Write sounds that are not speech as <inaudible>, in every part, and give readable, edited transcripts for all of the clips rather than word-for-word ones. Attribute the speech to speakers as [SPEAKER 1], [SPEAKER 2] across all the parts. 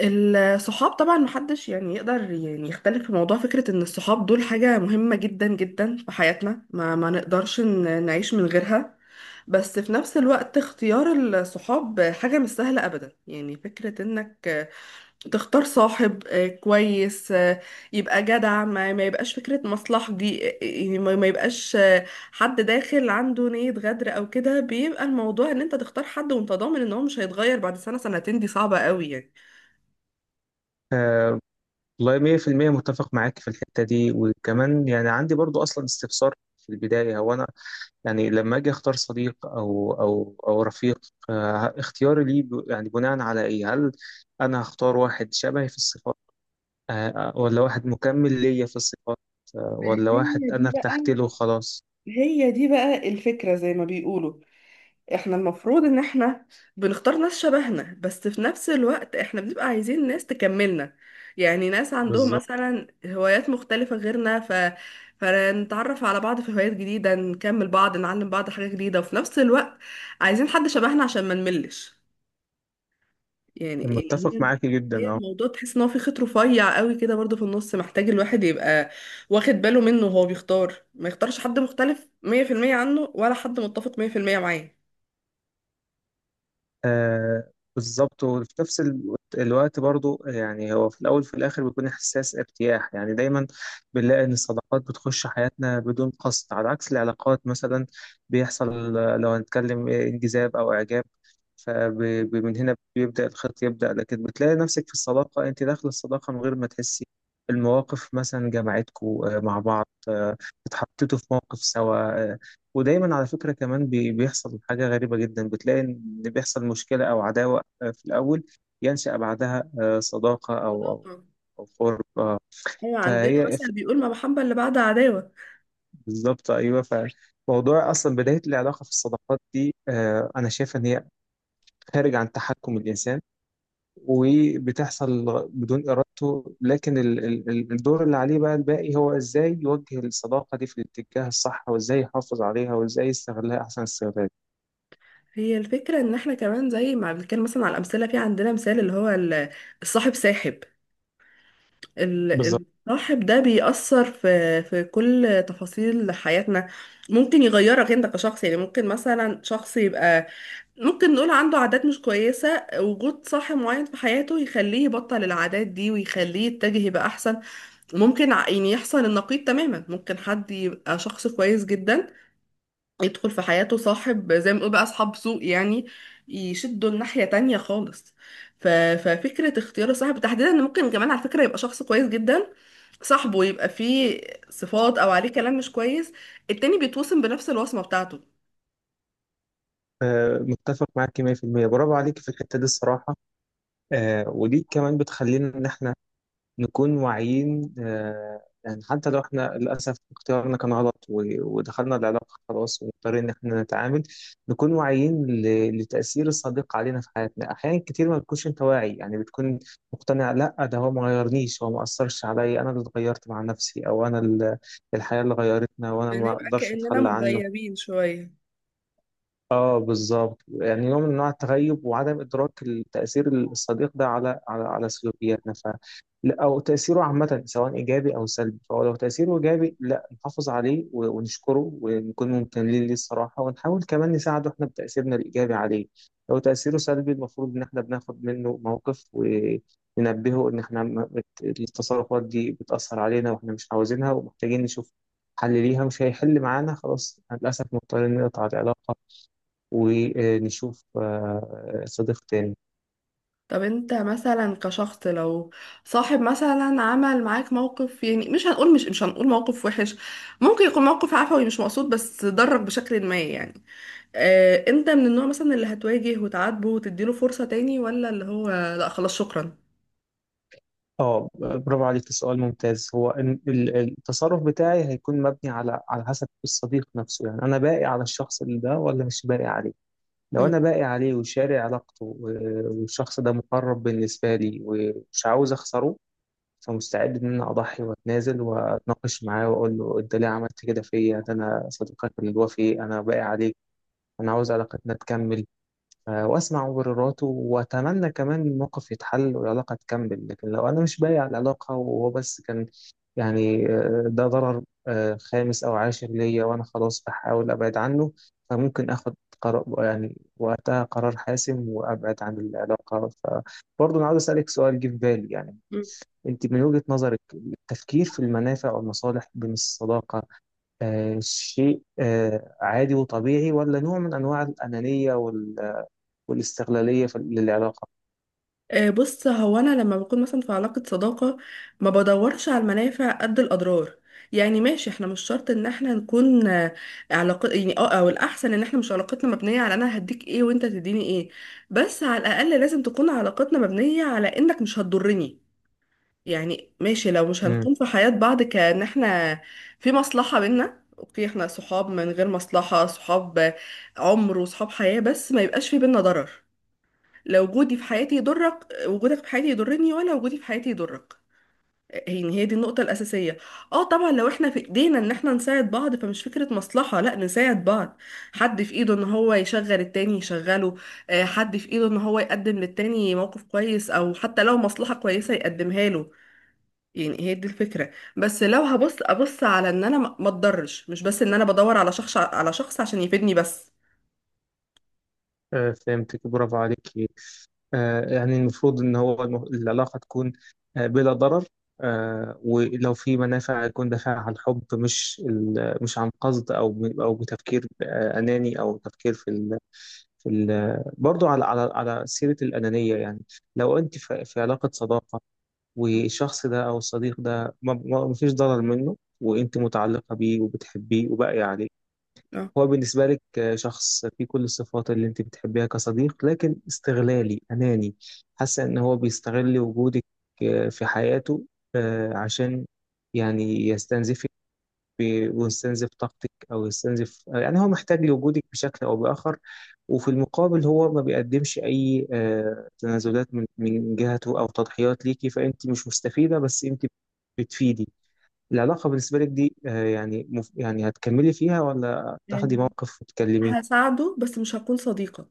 [SPEAKER 1] الصحاب طبعا محدش يعني يقدر يعني يختلف في موضوع فكرة ان الصحاب دول حاجة مهمة جدا جدا في حياتنا، ما نقدرش نعيش من غيرها. بس في نفس الوقت اختيار الصحاب حاجة مش سهلة ابدا، يعني فكرة انك تختار صاحب كويس، يبقى جدع، ما يبقاش فكرة مصلحة، دي يعني ما يبقاش، حد داخل عنده نية غدر او كده. بيبقى الموضوع ان انت تختار حد وانت ضامن ان هو مش هيتغير بعد سنة سنتين، دي صعبة قوي يعني.
[SPEAKER 2] آه، والله 100% متفق معاك في الحتة دي، وكمان يعني عندي برضو أصلا استفسار في البداية. هو أنا يعني لما أجي أختار صديق أو رفيق، اختياري ليه يعني بناء على إيه؟ هل أنا هختار واحد شبهي في الصفات، ولا واحد مكمل ليا في الصفات،
[SPEAKER 1] ما
[SPEAKER 2] ولا
[SPEAKER 1] هي
[SPEAKER 2] واحد أنا
[SPEAKER 1] دي
[SPEAKER 2] ارتحت
[SPEAKER 1] بقى،
[SPEAKER 2] له خلاص؟
[SPEAKER 1] الفكرة زي ما بيقولوا، احنا المفروض ان احنا بنختار ناس شبهنا، بس في نفس الوقت احنا بنبقى عايزين ناس تكملنا، يعني ناس عندهم
[SPEAKER 2] بالظبط،
[SPEAKER 1] مثلا هوايات مختلفة غيرنا. فنتعرف على بعض في هوايات جديدة، نكمل بعض، نعلم بعض حاجة جديدة، وفي نفس الوقت عايزين حد شبهنا عشان ما نملش، يعني اللي
[SPEAKER 2] متفق
[SPEAKER 1] هي
[SPEAKER 2] معاك جدا.
[SPEAKER 1] الموضوع، تحس ان هو في خيط رفيع قوي كده برضه في النص، محتاج الواحد يبقى واخد باله منه وهو بيختار، ما يختارش حد مختلف 100% عنه ولا حد متفق 100% معاه.
[SPEAKER 2] بالظبط. وفي نفس الوقت برضو، يعني هو في الأول وفي الآخر بيكون إحساس ارتياح. يعني دايما بنلاقي إن الصداقات بتخش حياتنا بدون قصد، على عكس العلاقات مثلا. بيحصل، لو هنتكلم، انجذاب أو إعجاب، فمن هنا بيبدأ الخط يبدأ. لكن بتلاقي نفسك في الصداقة، أنت داخل الصداقة من غير ما تحسي. المواقف مثلا جمعتكوا مع بعض. اتحطيتوا في موقف سوا. ودايما على فكرة كمان بيحصل حاجة غريبة جدا. بتلاقي إن بيحصل مشكلة أو عداوة في الأول، ينشأ بعدها صداقة أو
[SPEAKER 1] صداقة.
[SPEAKER 2] أو قرب.
[SPEAKER 1] ايوه عندنا
[SPEAKER 2] فهي ف-
[SPEAKER 1] مثل بيقول ما محبة اللي بعد عداوة.
[SPEAKER 2] بالظبط، أيوه. فموضوع أصلا بداية العلاقة في الصداقات دي، أنا شايف إن هي خارج عن تحكم الإنسان وبتحصل بدون إرادته. لكن الدور اللي عليه بقى الباقي، هو إزاي يوجه الصداقة دي في الاتجاه الصح، وإزاي يحافظ عليها، وإزاي يستغلها أحسن استغلال.
[SPEAKER 1] هي الفكرة ان احنا كمان زي ما بنتكلم مثلا على الامثلة، في عندنا مثال اللي هو الصاحب ساحب.
[SPEAKER 2] بالظبط.
[SPEAKER 1] الصاحب ده بيأثر في كل تفاصيل حياتنا، ممكن يغيرك انت كشخص. يعني ممكن مثلا شخص يبقى ممكن نقول عنده عادات مش كويسة، وجود صاحب معين في حياته يخليه يبطل العادات دي ويخليه يتجه يبقى أحسن. ممكن يعني يحصل النقيض تماما، ممكن حد يبقى شخص كويس جدا، يدخل في حياته صاحب زي ما بنقول بقى أصحاب سوء، يعني يشدوا الناحية تانية خالص. ف... ففكرة اختيار الصاحب تحديدا، إن ممكن كمان على فكرة يبقى شخص كويس جدا، صاحبه يبقى فيه صفات أو عليه كلام مش كويس، التاني بيتوسم بنفس الوصمة بتاعته.
[SPEAKER 2] متفق معاك 100%، برافو عليك في الحتة دي الصراحة. ودي كمان بتخلينا إن إحنا نكون واعيين. يعني حتى لو إحنا للأسف اختيارنا كان غلط، ودخلنا العلاقة خلاص ومضطرين إن إحنا نتعامل، نكون واعيين لتأثير الصديق علينا في حياتنا. أحيانا كتير ما بتكونش أنت واعي، يعني بتكون مقتنع، لأ ده هو ما غيرنيش، هو ما أثرش عليا، أنا اللي اتغيرت مع نفسي، أو أنا الحياة اللي غيرتنا، وأنا ما
[SPEAKER 1] بنبقى
[SPEAKER 2] أقدرش
[SPEAKER 1] كأننا
[SPEAKER 2] أتخلى عنه.
[SPEAKER 1] مغيبين شوية.
[SPEAKER 2] اه، بالظبط. يعني نوع من انواع التغيب وعدم ادراك التاثير، الصديق ده على سلوكياتنا. ف لا، او تاثيره عامه، سواء ايجابي او سلبي. فهو لو تاثيره ايجابي، لا نحافظ عليه، ونشكره، ونكون ممتنين ليه الصراحه، ونحاول كمان نساعده احنا بتاثيرنا الايجابي عليه. لو تاثيره سلبي، المفروض ان احنا بناخد منه موقف وننبهه ان احنا، التصرفات دي بتاثر علينا واحنا مش عاوزينها، ومحتاجين نشوف حل ليها. مش هيحل معانا، خلاص للاسف مضطرين نقطع العلاقه ونشوف صديق تاني.
[SPEAKER 1] طب انت مثلا كشخص لو صاحب مثلا عمل معاك موقف، يعني مش هنقول مش هنقول موقف وحش، ممكن يكون موقف عفوي مش مقصود بس ضرك بشكل ما، يعني اه انت من النوع مثلا اللي هتواجه وتعاتبه وتديله فرصة تاني، ولا اللي هو لا خلاص شكرا.
[SPEAKER 2] اه، برافو عليك، سؤال ممتاز. هو التصرف بتاعي هيكون مبني على حسب الصديق نفسه. يعني انا باقي على الشخص اللي ده، ولا مش باقي عليه؟ لو انا باقي عليه وشاري علاقته، والشخص ده مقرب بالنسبه لي ومش عاوز اخسره، فمستعد ان انا اضحي واتنازل واتناقش معاه، واقول له انت ليه عملت كده فيا؟ ده انا صديقك الوفي، انا باقي عليك، انا عاوز علاقتنا تكمل. واسمع مبرراته واتمنى كمان الموقف يتحل والعلاقه تكمل. لكن لو انا مش بايع العلاقه، وهو بس كان يعني ده ضرر خامس او عاشر ليا، وانا خلاص بحاول ابعد عنه، فممكن اخد قرار، يعني وقتها قرار حاسم، وابعد عن العلاقه. فبرضه انا عاوز اسالك سؤال جه في بالي يعني.
[SPEAKER 1] مم.
[SPEAKER 2] انت من وجهه نظرك، التفكير في المنافع والمصالح بين الصداقه شيء عادي وطبيعي، ولا نوع من انواع الانانيه والاستغلالية للعلاقة؟
[SPEAKER 1] بص هو انا لما بكون مثلا في علاقة صداقة ما بدورش على المنافع قد الاضرار. يعني ماشي، احنا مش شرط ان احنا نكون علاقة يعني اه، او الاحسن ان احنا مش علاقتنا مبنية على انا هديك ايه وانت تديني ايه، بس على الاقل لازم تكون علاقتنا مبنية على انك مش هتضرني. يعني ماشي لو مش
[SPEAKER 2] امم
[SPEAKER 1] هنكون في حياة بعض كأن احنا في مصلحة بينا، اوكي احنا صحاب من غير مصلحة، صحاب عمر وصحاب حياة، بس ما يبقاش في بينا ضرر. لا وجودي في حياتي يضرك، وجودك في حياتي يضرني، ولا وجودي في حياتي يضرك. يعني هي دي النقطة الأساسية. اه طبعا لو احنا في ايدينا ان احنا نساعد بعض، فمش فكرة مصلحة، لا نساعد بعض. حد في ايده ان هو يشغل التاني يشغله، حد في ايده ان هو يقدم للتاني موقف كويس او حتى لو مصلحة كويسة يقدمها له. يعني هي دي الفكرة. بس لو هبص على ان انا ما اتضرش، مش بس ان انا بدور على شخص عشان يفيدني بس.
[SPEAKER 2] فهمتك، برافو عليكي. يعني المفروض ان هو العلاقه تكون بلا ضرر. ولو في منافع، يكون دافعها عن حب، مش مش عن قصد، او او بتفكير اناني، او تفكير في في ال برضه، على سيره الانانيه يعني. لو انت في علاقه صداقه، والشخص ده او الصديق ده ما فيش ضرر منه، وانت متعلقه بيه وبتحبيه وباقيه عليه،
[SPEAKER 1] اه.
[SPEAKER 2] هو بالنسبة لك شخص فيه كل الصفات اللي انت بتحبيها كصديق، لكن استغلالي أناني. حاسة ان هو بيستغل وجودك في حياته، عشان يعني يستنزفك، ويستنزف طاقتك، او يستنزف، يعني هو محتاج لوجودك بشكل او بآخر. وفي المقابل هو ما بيقدمش اي تنازلات من جهته، او تضحيات ليكي. فانت مش مستفيدة، بس انت بتفيدي. العلاقة بالنسبة لك دي يعني يعني هتكملي فيها، ولا تاخدي
[SPEAKER 1] مم.
[SPEAKER 2] موقف وتكلميه؟
[SPEAKER 1] هساعده بس مش هكون صديقة.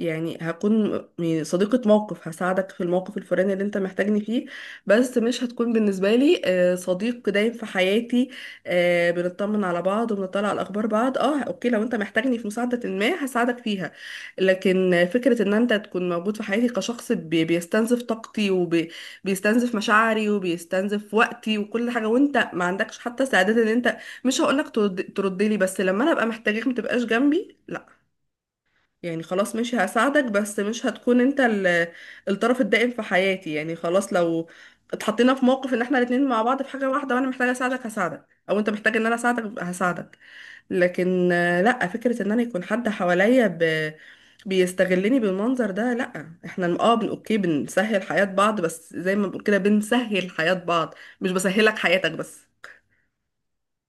[SPEAKER 1] يعني هكون يعني صديقة موقف، هساعدك في الموقف الفلاني اللي انت محتاجني فيه، بس مش هتكون بالنسبة لي صديق دايم في حياتي. بنطمن على بعض وبنطلع على الأخبار بعض، اه اوكي لو انت محتاجني في مساعدة ما هساعدك فيها. لكن فكرة ان انت تكون موجود في حياتي كشخص بيستنزف طاقتي وبيستنزف مشاعري وبيستنزف وقتي وكل حاجة، وانت ما عندكش حتى استعداد ان انت، مش هقولك ترد لي، بس لما انا ابقى محتاجك ما تبقاش جنبي، لا. يعني خلاص ماشي هساعدك، بس مش هتكون انت الطرف الدائم في حياتي. يعني خلاص لو اتحطينا في موقف ان احنا الاتنين مع بعض في حاجة واحدة وانا محتاجة اساعدك هساعدك، او انت محتاج ان انا اساعدك هساعدك، لكن لا فكرة ان انا يكون حد حواليا بيستغلني بالمنظر ده، لا. احنا اه اوكي بنسهل حياة بعض، بس زي ما بنقول كده بنسهل حياة بعض، مش بسهلك حياتك بس.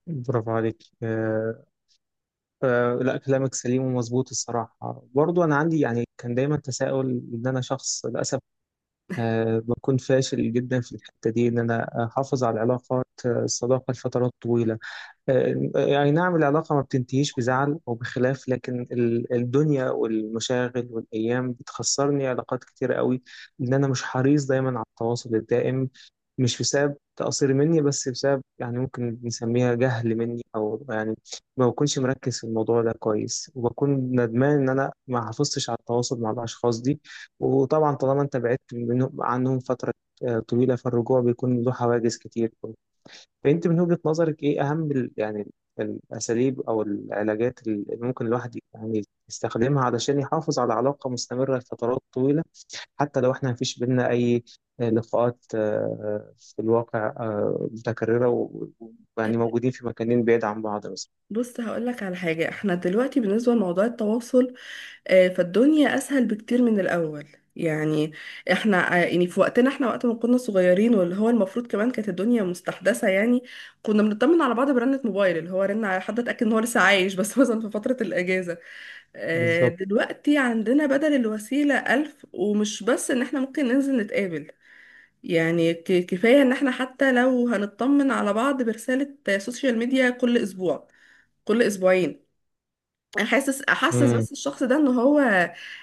[SPEAKER 2] برافو عليك. لا كلامك سليم ومظبوط الصراحة. برضو أنا عندي، يعني كان دايما تساؤل، إن أنا شخص للأسف بكون فاشل جدا في الحتة دي، إن أنا أحافظ على العلاقات الصداقة لفترات طويلة. يعني نعم العلاقة ما بتنتهيش بزعل أو بخلاف، لكن الدنيا والمشاغل والأيام بتخسرني علاقات كتيرة قوي، لأن أنا مش حريص دايما على التواصل الدائم. مش بسبب تقصير مني، بس بسبب يعني ممكن نسميها جهل مني، أو يعني ما بكونش مركز في الموضوع ده كويس، وبكون ندمان إن أنا ما حافظتش على التواصل مع الأشخاص دي. وطبعا طالما أنت بعدت منهم، عنهم فترة طويلة، فالرجوع بيكون له حواجز كتير. فانت من وجهة نظرك ايه اهم يعني الاساليب او العلاجات اللي ممكن الواحد يعني يستخدمها علشان يحافظ على علاقة مستمرة لفترات طويلة، حتى لو احنا مفيش بينا اي لقاءات في الواقع متكررة، و- ويعني موجودين في مكانين بعيد عن بعض مثلا؟
[SPEAKER 1] بص هقولك على حاجة، احنا دلوقتي بالنسبة لموضوع التواصل فالدنيا اسهل بكتير من الاول. يعني احنا يعني في وقتنا احنا، وقت ما كنا صغيرين واللي هو المفروض كمان كانت الدنيا مستحدثه، يعني كنا بنطمن على بعض برنة موبايل، اللي هو رن على حد اتاكد ان هو لسه عايش بس <laughs> مثلا في فتره الاجازه.
[SPEAKER 2] بالظبط.
[SPEAKER 1] دلوقتي عندنا بدل الوسيله الف، ومش بس ان احنا ممكن ننزل نتقابل. يعني كفايه ان احنا حتى لو هنطمن على بعض برساله سوشيال ميديا كل اسبوع كل اسبوعين. احسس
[SPEAKER 2] امم.
[SPEAKER 1] بس الشخص ده ان هو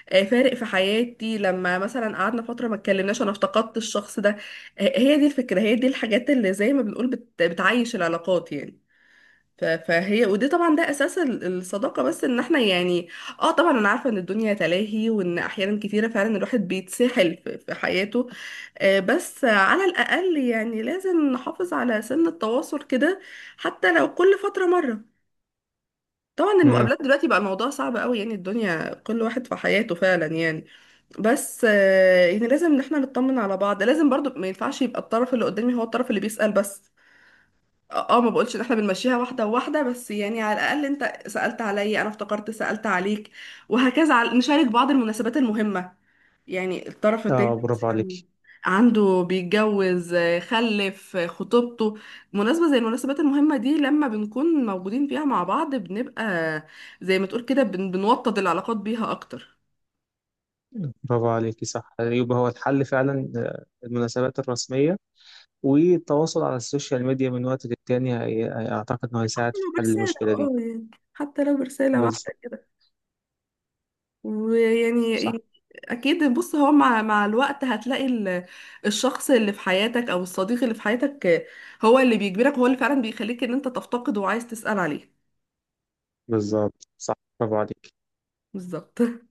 [SPEAKER 1] فارق في حياتي، لما مثلا قعدنا فتره ما اتكلمناش انا افتقدت الشخص ده. هي دي الفكره، هي دي الحاجات اللي زي ما بنقول بتعيش العلاقات يعني. فهي ودي طبعا ده اساس الصداقه، بس ان احنا يعني، اه طبعا انا عارفه ان الدنيا تلاهي، وان احيانا كتيره فعلا الواحد بيتسحل في حياته. بس على الاقل يعني لازم نحافظ على سن التواصل كده، حتى لو كل فتره مره. طبعا
[SPEAKER 2] امم.
[SPEAKER 1] المقابلات دلوقتي بقى الموضوع صعب قوي، يعني الدنيا كل واحد في حياته فعلا يعني. بس يعني لازم ان احنا نطمن على بعض، لازم برضو ما ينفعش يبقى الطرف اللي قدامي هو الطرف اللي بيسأل بس. اه ما بقولش ان احنا بنمشيها واحده واحده، بس يعني على الاقل انت سألت عليا انا افتكرت سألت عليك، وهكذا. نشارك بعض المناسبات المهمه، يعني الطرف
[SPEAKER 2] اه،
[SPEAKER 1] التاني
[SPEAKER 2] برافو
[SPEAKER 1] مثلا
[SPEAKER 2] عليك.
[SPEAKER 1] عنده بيتجوز خلف خطوبته، مناسبة زي المناسبات المهمة دي لما بنكون موجودين فيها مع بعض بنبقى زي ما تقول كده بنوطد العلاقات بيها أكتر.
[SPEAKER 2] برافو عليك، صح. يبقى هو الحل فعلا المناسبات الرسمية، والتواصل على السوشيال ميديا من وقت للتاني، اعتقد انه
[SPEAKER 1] حتى
[SPEAKER 2] هيساعد في
[SPEAKER 1] لو
[SPEAKER 2] حل
[SPEAKER 1] برسالة
[SPEAKER 2] المشكلة دي.
[SPEAKER 1] اه يعني، حتى لو برسالة
[SPEAKER 2] بالظبط،
[SPEAKER 1] واحدة كده. ويعني
[SPEAKER 2] صح.
[SPEAKER 1] ي- أكيد. بص هو مع الوقت هتلاقي الشخص اللي في حياتك أو الصديق اللي في حياتك، هو اللي بيجبرك، هو اللي فعلا بيخليك إن أنت تفتقد وعايز تسأل عليه.
[SPEAKER 2] بالظبط، صح، برافو عليك.
[SPEAKER 1] بالظبط.